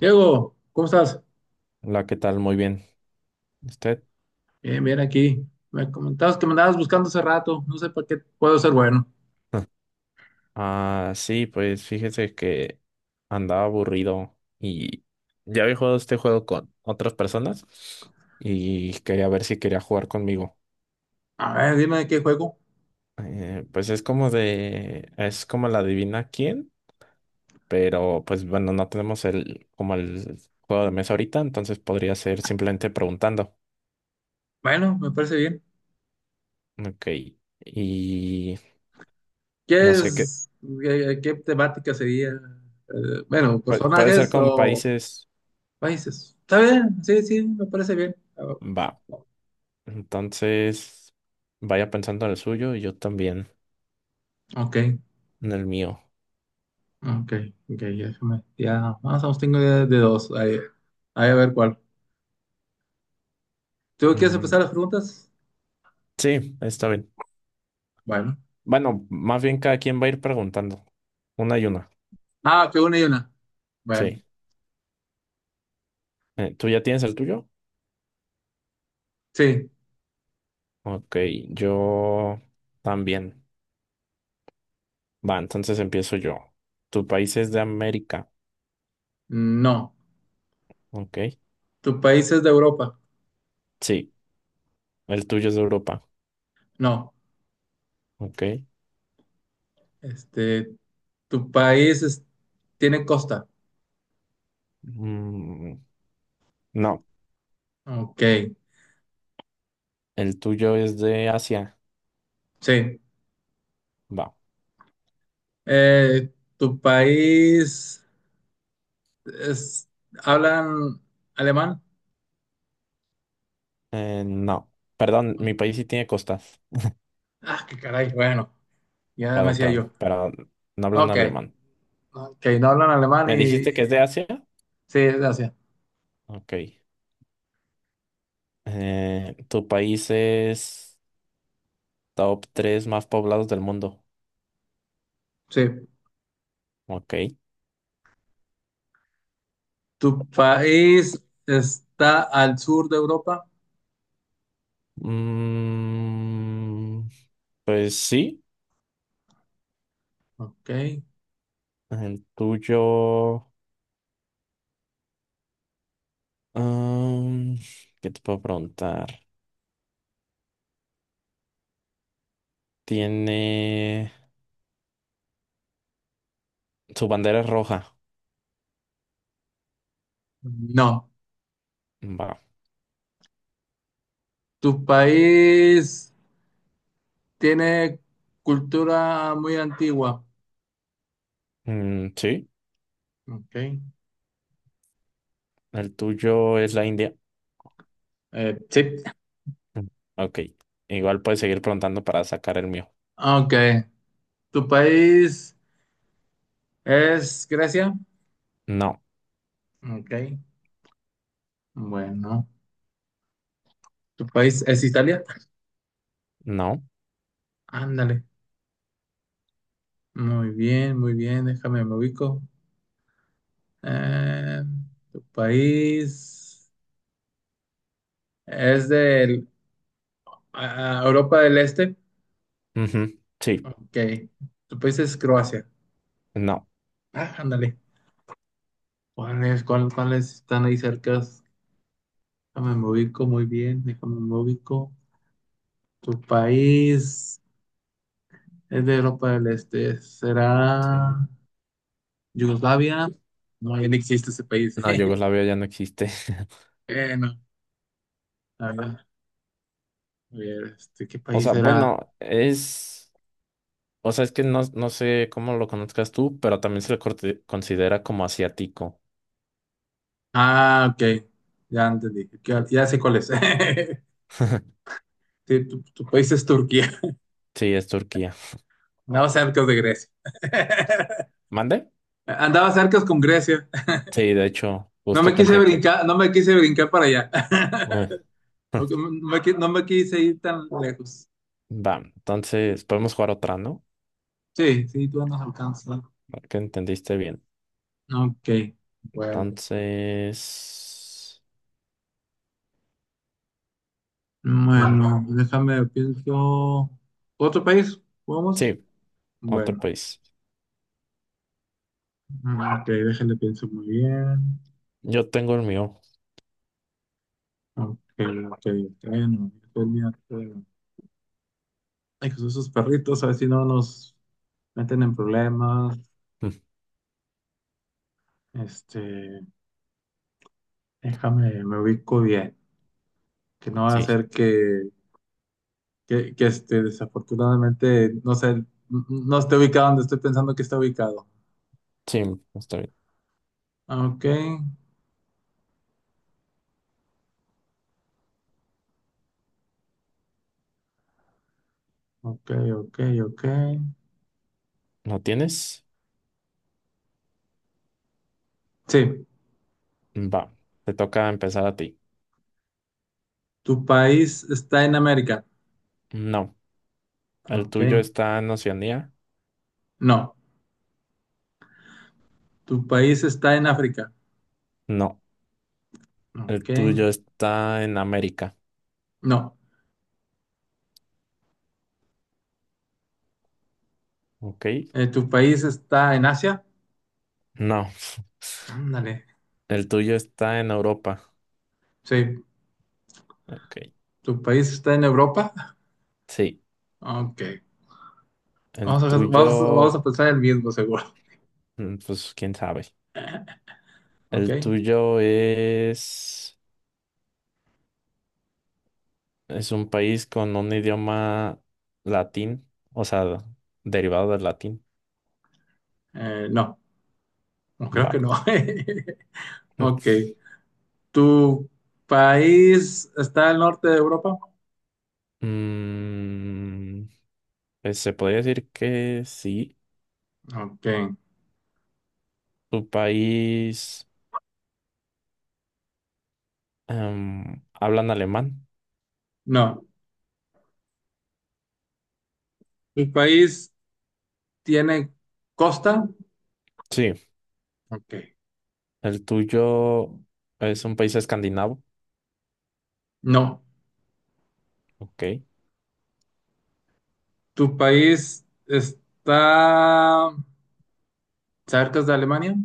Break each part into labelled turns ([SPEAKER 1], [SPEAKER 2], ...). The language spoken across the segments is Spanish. [SPEAKER 1] Diego, ¿cómo estás?
[SPEAKER 2] Hola, ¿qué tal? Muy bien. ¿Usted?
[SPEAKER 1] Bien, bien aquí. Me comentabas que me andabas buscando hace rato. No sé para qué puedo ser bueno.
[SPEAKER 2] Ah, sí, pues fíjese que andaba aburrido y ya había jugado este juego con otras personas y quería ver si quería jugar conmigo.
[SPEAKER 1] A ver, dime de qué juego.
[SPEAKER 2] Pues es como de, es como la adivina quién, pero pues bueno, no tenemos el, como el juego de mesa ahorita, entonces podría ser simplemente preguntando.
[SPEAKER 1] Bueno, me parece bien.
[SPEAKER 2] Ok. Y no
[SPEAKER 1] ¿Qué
[SPEAKER 2] sé qué,
[SPEAKER 1] es? ¿Qué temática sería? Bueno,
[SPEAKER 2] puede ser
[SPEAKER 1] ¿personajes
[SPEAKER 2] con
[SPEAKER 1] o
[SPEAKER 2] países,
[SPEAKER 1] países? Está bien, sí, sí, me parece bien. Ah,
[SPEAKER 2] va. Entonces, vaya pensando en el suyo y yo también
[SPEAKER 1] ok,
[SPEAKER 2] en el mío.
[SPEAKER 1] ok, ok, ya, ya, más o menos tengo idea de dos. Ahí a ver cuál. ¿Tú quieres empezar
[SPEAKER 2] Mm,
[SPEAKER 1] las preguntas?
[SPEAKER 2] sí, está bien.
[SPEAKER 1] Bueno.
[SPEAKER 2] Bueno, más bien cada quien va a ir preguntando. Una y una.
[SPEAKER 1] Ah, que una y una. Bueno,
[SPEAKER 2] Sí. ¿Tú ya tienes el tuyo?
[SPEAKER 1] sí,
[SPEAKER 2] Ok, yo también. Va, entonces empiezo yo. ¿Tu país es de América?
[SPEAKER 1] no.
[SPEAKER 2] Ok.
[SPEAKER 1] ¿Tu país es de Europa?
[SPEAKER 2] Sí. ¿El tuyo es de Europa?
[SPEAKER 1] No.
[SPEAKER 2] Ok.
[SPEAKER 1] Este, ¿tu país es- ¿tiene costa?
[SPEAKER 2] Mm, no.
[SPEAKER 1] Ok,
[SPEAKER 2] ¿El tuyo es de Asia?
[SPEAKER 1] sí.
[SPEAKER 2] Va.
[SPEAKER 1] Eh, ¿Tu país es, hablan alemán?
[SPEAKER 2] No. Perdón, mi país sí tiene costas.
[SPEAKER 1] Ah, qué caray, bueno, ya me
[SPEAKER 2] Perdón,
[SPEAKER 1] decía
[SPEAKER 2] perdón,
[SPEAKER 1] yo.
[SPEAKER 2] pero no hablan
[SPEAKER 1] Ok,
[SPEAKER 2] alemán.
[SPEAKER 1] ok, no hablan alemán y...
[SPEAKER 2] ¿Me dijiste
[SPEAKER 1] y-
[SPEAKER 2] que es de Asia?
[SPEAKER 1] sí, es de Asia.
[SPEAKER 2] Ok. ¿Tu país es top 3 más poblados del mundo?
[SPEAKER 1] Sí.
[SPEAKER 2] Ok.
[SPEAKER 1] ¿Tu país está al sur de Europa?
[SPEAKER 2] Mm, pues sí,
[SPEAKER 1] Ok.
[SPEAKER 2] el tuyo... mm, ¿qué te puedo preguntar? Tiene... Su bandera es roja.
[SPEAKER 1] No.
[SPEAKER 2] Va.
[SPEAKER 1] ¿Tu país tiene cultura muy antigua?
[SPEAKER 2] Mm, sí,
[SPEAKER 1] Ok.
[SPEAKER 2] el tuyo es la India.
[SPEAKER 1] Sí.
[SPEAKER 2] Mm, ok. Igual puedes seguir preguntando para sacar el mío.
[SPEAKER 1] Ok. ¿Tu país es Grecia?
[SPEAKER 2] No,
[SPEAKER 1] Ok. Bueno. ¿Tu país es Italia?
[SPEAKER 2] no.
[SPEAKER 1] Ándale. Muy bien, muy bien. Déjame, me ubico. Eh, ¿Tu país es de Europa del Este?
[SPEAKER 2] Ujú, sí,
[SPEAKER 1] Ok. ¿Tu país es Croacia?
[SPEAKER 2] no.
[SPEAKER 1] Ah, ándale. ¿Cuáles están ahí cerca? Déjame, me ubico muy bien. Déjame, me ubico. ¿Tu país? Es de Europa del Este.
[SPEAKER 2] Sí.
[SPEAKER 1] ¿Será Yugoslavia? No, ya no existe ese país.
[SPEAKER 2] No, Yugoslavia ya no existe.
[SPEAKER 1] Bueno, a ver, este, ¿qué
[SPEAKER 2] O
[SPEAKER 1] país
[SPEAKER 2] sea,
[SPEAKER 1] era?
[SPEAKER 2] bueno, es. O sea, es que no, no sé cómo lo conozcas tú, pero también considera como asiático.
[SPEAKER 1] Ah, ok. Ya entendí. Ya, ya sé cuál es. Sí, tu país es Turquía.
[SPEAKER 2] Sí, es Turquía.
[SPEAKER 1] Andaba cerca de Grecia.
[SPEAKER 2] ¿Mande?
[SPEAKER 1] Andaba cerca con Grecia.
[SPEAKER 2] Sí, de hecho, justo pensé que.
[SPEAKER 1] No me quise brincar para allá.
[SPEAKER 2] Ah.
[SPEAKER 1] No, no no me quise ir tan lejos.
[SPEAKER 2] Va, entonces podemos jugar otra, ¿no?
[SPEAKER 1] Sí, sí, tú andas alcanzando.
[SPEAKER 2] Para que entendiste bien.
[SPEAKER 1] Ok, bueno.
[SPEAKER 2] Entonces. Mm,
[SPEAKER 1] Bueno, déjame, pienso. ¿Otro país? ¿Vamos?
[SPEAKER 2] sí, otro
[SPEAKER 1] Bueno,
[SPEAKER 2] país.
[SPEAKER 1] ok, déjenle, pienso muy bien.
[SPEAKER 2] Yo tengo el mío.
[SPEAKER 1] Ok, ok, bueno, Italia, pero- ay, Jesús, esos perritos, a ver si no nos meten en problemas.
[SPEAKER 2] Mm,
[SPEAKER 1] Este, déjame, me ubico bien. Que no va a
[SPEAKER 2] sí,
[SPEAKER 1] ser que, que, este, desafortunadamente, no sé, no esté ubicado donde estoy pensando que está ubicado.
[SPEAKER 2] sí, está bien.
[SPEAKER 1] Ok, ok, ok, ok.
[SPEAKER 2] ¿Lo tienes?
[SPEAKER 1] Sí.
[SPEAKER 2] Va, te toca empezar a ti.
[SPEAKER 1] ¿Tu país está en América?
[SPEAKER 2] No, el
[SPEAKER 1] Ok.
[SPEAKER 2] tuyo está en Oceanía.
[SPEAKER 1] No. ¿Tu país está en África?
[SPEAKER 2] No, el
[SPEAKER 1] Ok.
[SPEAKER 2] tuyo está en América.
[SPEAKER 1] No.
[SPEAKER 2] Ok.
[SPEAKER 1] ¿Tu país está en Asia?
[SPEAKER 2] No,
[SPEAKER 1] Ándale.
[SPEAKER 2] el tuyo está en Europa.
[SPEAKER 1] Sí.
[SPEAKER 2] Ok.
[SPEAKER 1] ¿Tu país está en Europa?
[SPEAKER 2] Sí,
[SPEAKER 1] Ok.
[SPEAKER 2] el
[SPEAKER 1] Vamos
[SPEAKER 2] tuyo,
[SPEAKER 1] a pensar el mismo, seguro.
[SPEAKER 2] mm, pues quién sabe.
[SPEAKER 1] Ok.
[SPEAKER 2] El tuyo es un país con un idioma latín, o sea, derivado del latín.
[SPEAKER 1] No. No creo que
[SPEAKER 2] Va.
[SPEAKER 1] no. Ok. ¿Tu país está al norte de Europa?
[SPEAKER 2] Mm, pues, se podría decir que sí.
[SPEAKER 1] Ok.
[SPEAKER 2] Tu país. ¿Hablan alemán?
[SPEAKER 1] No. ¿Tu país tiene costa?
[SPEAKER 2] Sí.
[SPEAKER 1] Ok.
[SPEAKER 2] ¿El tuyo es un país escandinavo?
[SPEAKER 1] No.
[SPEAKER 2] Ok.
[SPEAKER 1] ¿Tu país está cerca de Alemania?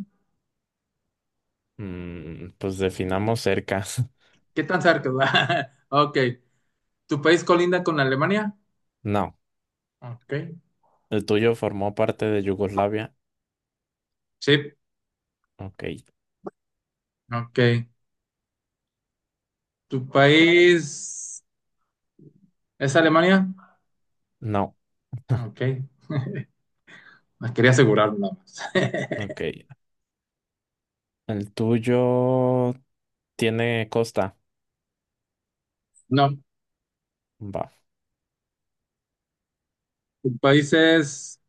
[SPEAKER 2] Mm, pues definamos cerca.
[SPEAKER 1] ¿Qué tan cerca? Ok. ¿Tu país colinda con Alemania?
[SPEAKER 2] No.
[SPEAKER 1] Ok.
[SPEAKER 2] ¿El tuyo formó parte de Yugoslavia?
[SPEAKER 1] Sí.
[SPEAKER 2] Ok.
[SPEAKER 1] Ok. ¿Tu país es Alemania?
[SPEAKER 2] No.
[SPEAKER 1] Ok. Me quería asegurarme nada más.
[SPEAKER 2] Ok. ¿El tuyo tiene costa?
[SPEAKER 1] No.
[SPEAKER 2] Va.
[SPEAKER 1] ¿Tu país es...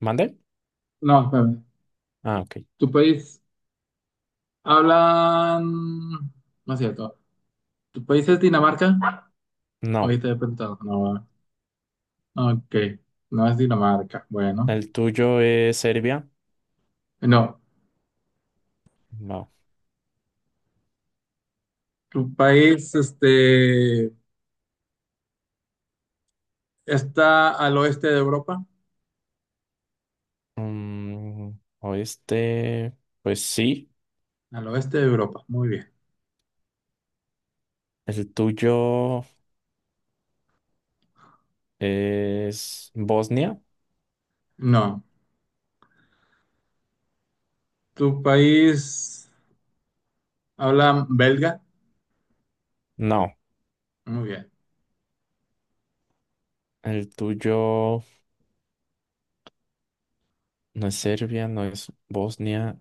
[SPEAKER 2] ¿Mande?
[SPEAKER 1] no, espérame.
[SPEAKER 2] Ah, ok.
[SPEAKER 1] ¿Tu país hablan... no es cierto. ¿Tu país es Dinamarca?
[SPEAKER 2] No.
[SPEAKER 1] Ahorita he preguntado. No. Ok. No es Dinamarca. Bueno.
[SPEAKER 2] ¿El tuyo es Serbia?
[SPEAKER 1] No.
[SPEAKER 2] No.
[SPEAKER 1] Tu país, este, está al oeste de Europa.
[SPEAKER 2] Mm, oeste, pues sí.
[SPEAKER 1] Al oeste de Europa, muy bien.
[SPEAKER 2] ¿El tuyo es Bosnia?
[SPEAKER 1] No. Tu país habla belga.
[SPEAKER 2] No.
[SPEAKER 1] Muy bien.
[SPEAKER 2] El tuyo no es Serbia, no es Bosnia,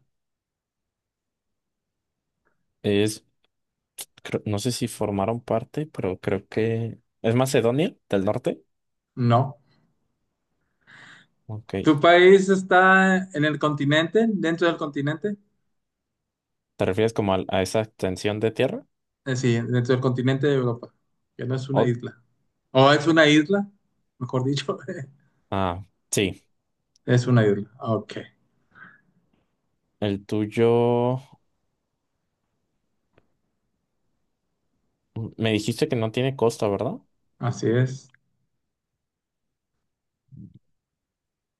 [SPEAKER 2] es, no sé si formaron parte, pero creo que es Macedonia del Norte.
[SPEAKER 1] No. Tu
[SPEAKER 2] Ok.
[SPEAKER 1] país está en el continente, dentro del continente.
[SPEAKER 2] ¿Te refieres como a esa extensión de tierra?
[SPEAKER 1] Sí, dentro del continente de Europa, que no es una
[SPEAKER 2] O-
[SPEAKER 1] isla. O es una isla, mejor dicho.
[SPEAKER 2] ah, sí.
[SPEAKER 1] Es una isla. Ok.
[SPEAKER 2] El tuyo, mm, me dijiste que no tiene costa, ¿verdad?
[SPEAKER 1] Así es.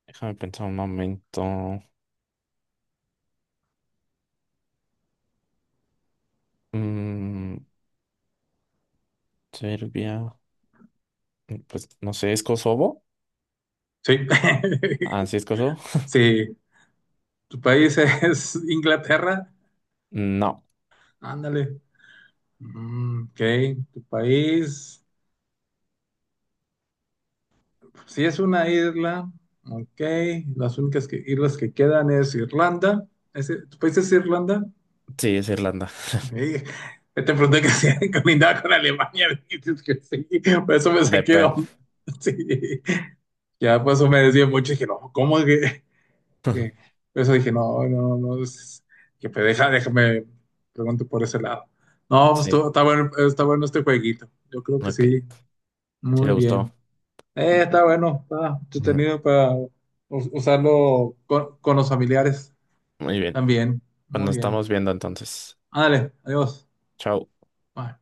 [SPEAKER 2] Déjame pensar un momento. Mm, Serbia, mm, pues no sé, ¿es Kosovo?
[SPEAKER 1] Sí.
[SPEAKER 2] Ah, sí, es Kosovo.
[SPEAKER 1] Sí. Tu país es Inglaterra.
[SPEAKER 2] No,
[SPEAKER 1] Ándale. Mm, ok, tu país, si es una isla, ok, islas que quedan es Irlanda. ¿Tu país es Irlanda?
[SPEAKER 2] sí, es Irlanda.
[SPEAKER 1] Ok. Te pregunté que si colindaba con Alemania, dices que sí, por eso me saqué de
[SPEAKER 2] Depende.
[SPEAKER 1] onda. Sí, ya por eso me decía mucho, dije, no, ¿cómo es que? que- por eso dije, no, no, no, que pues, déjame, pregunto por ese lado. No,
[SPEAKER 2] Sí,
[SPEAKER 1] está bueno este jueguito, yo creo que sí,
[SPEAKER 2] ok. Sí
[SPEAKER 1] muy
[SPEAKER 2] le gustó.
[SPEAKER 1] bien. Está bueno, está
[SPEAKER 2] Mm,
[SPEAKER 1] entretenido para usarlo con los familiares
[SPEAKER 2] muy bien.
[SPEAKER 1] también.
[SPEAKER 2] Pues nos
[SPEAKER 1] Muy bien.
[SPEAKER 2] estamos viendo entonces.
[SPEAKER 1] Ándale, adiós.
[SPEAKER 2] Chao.
[SPEAKER 1] Bye.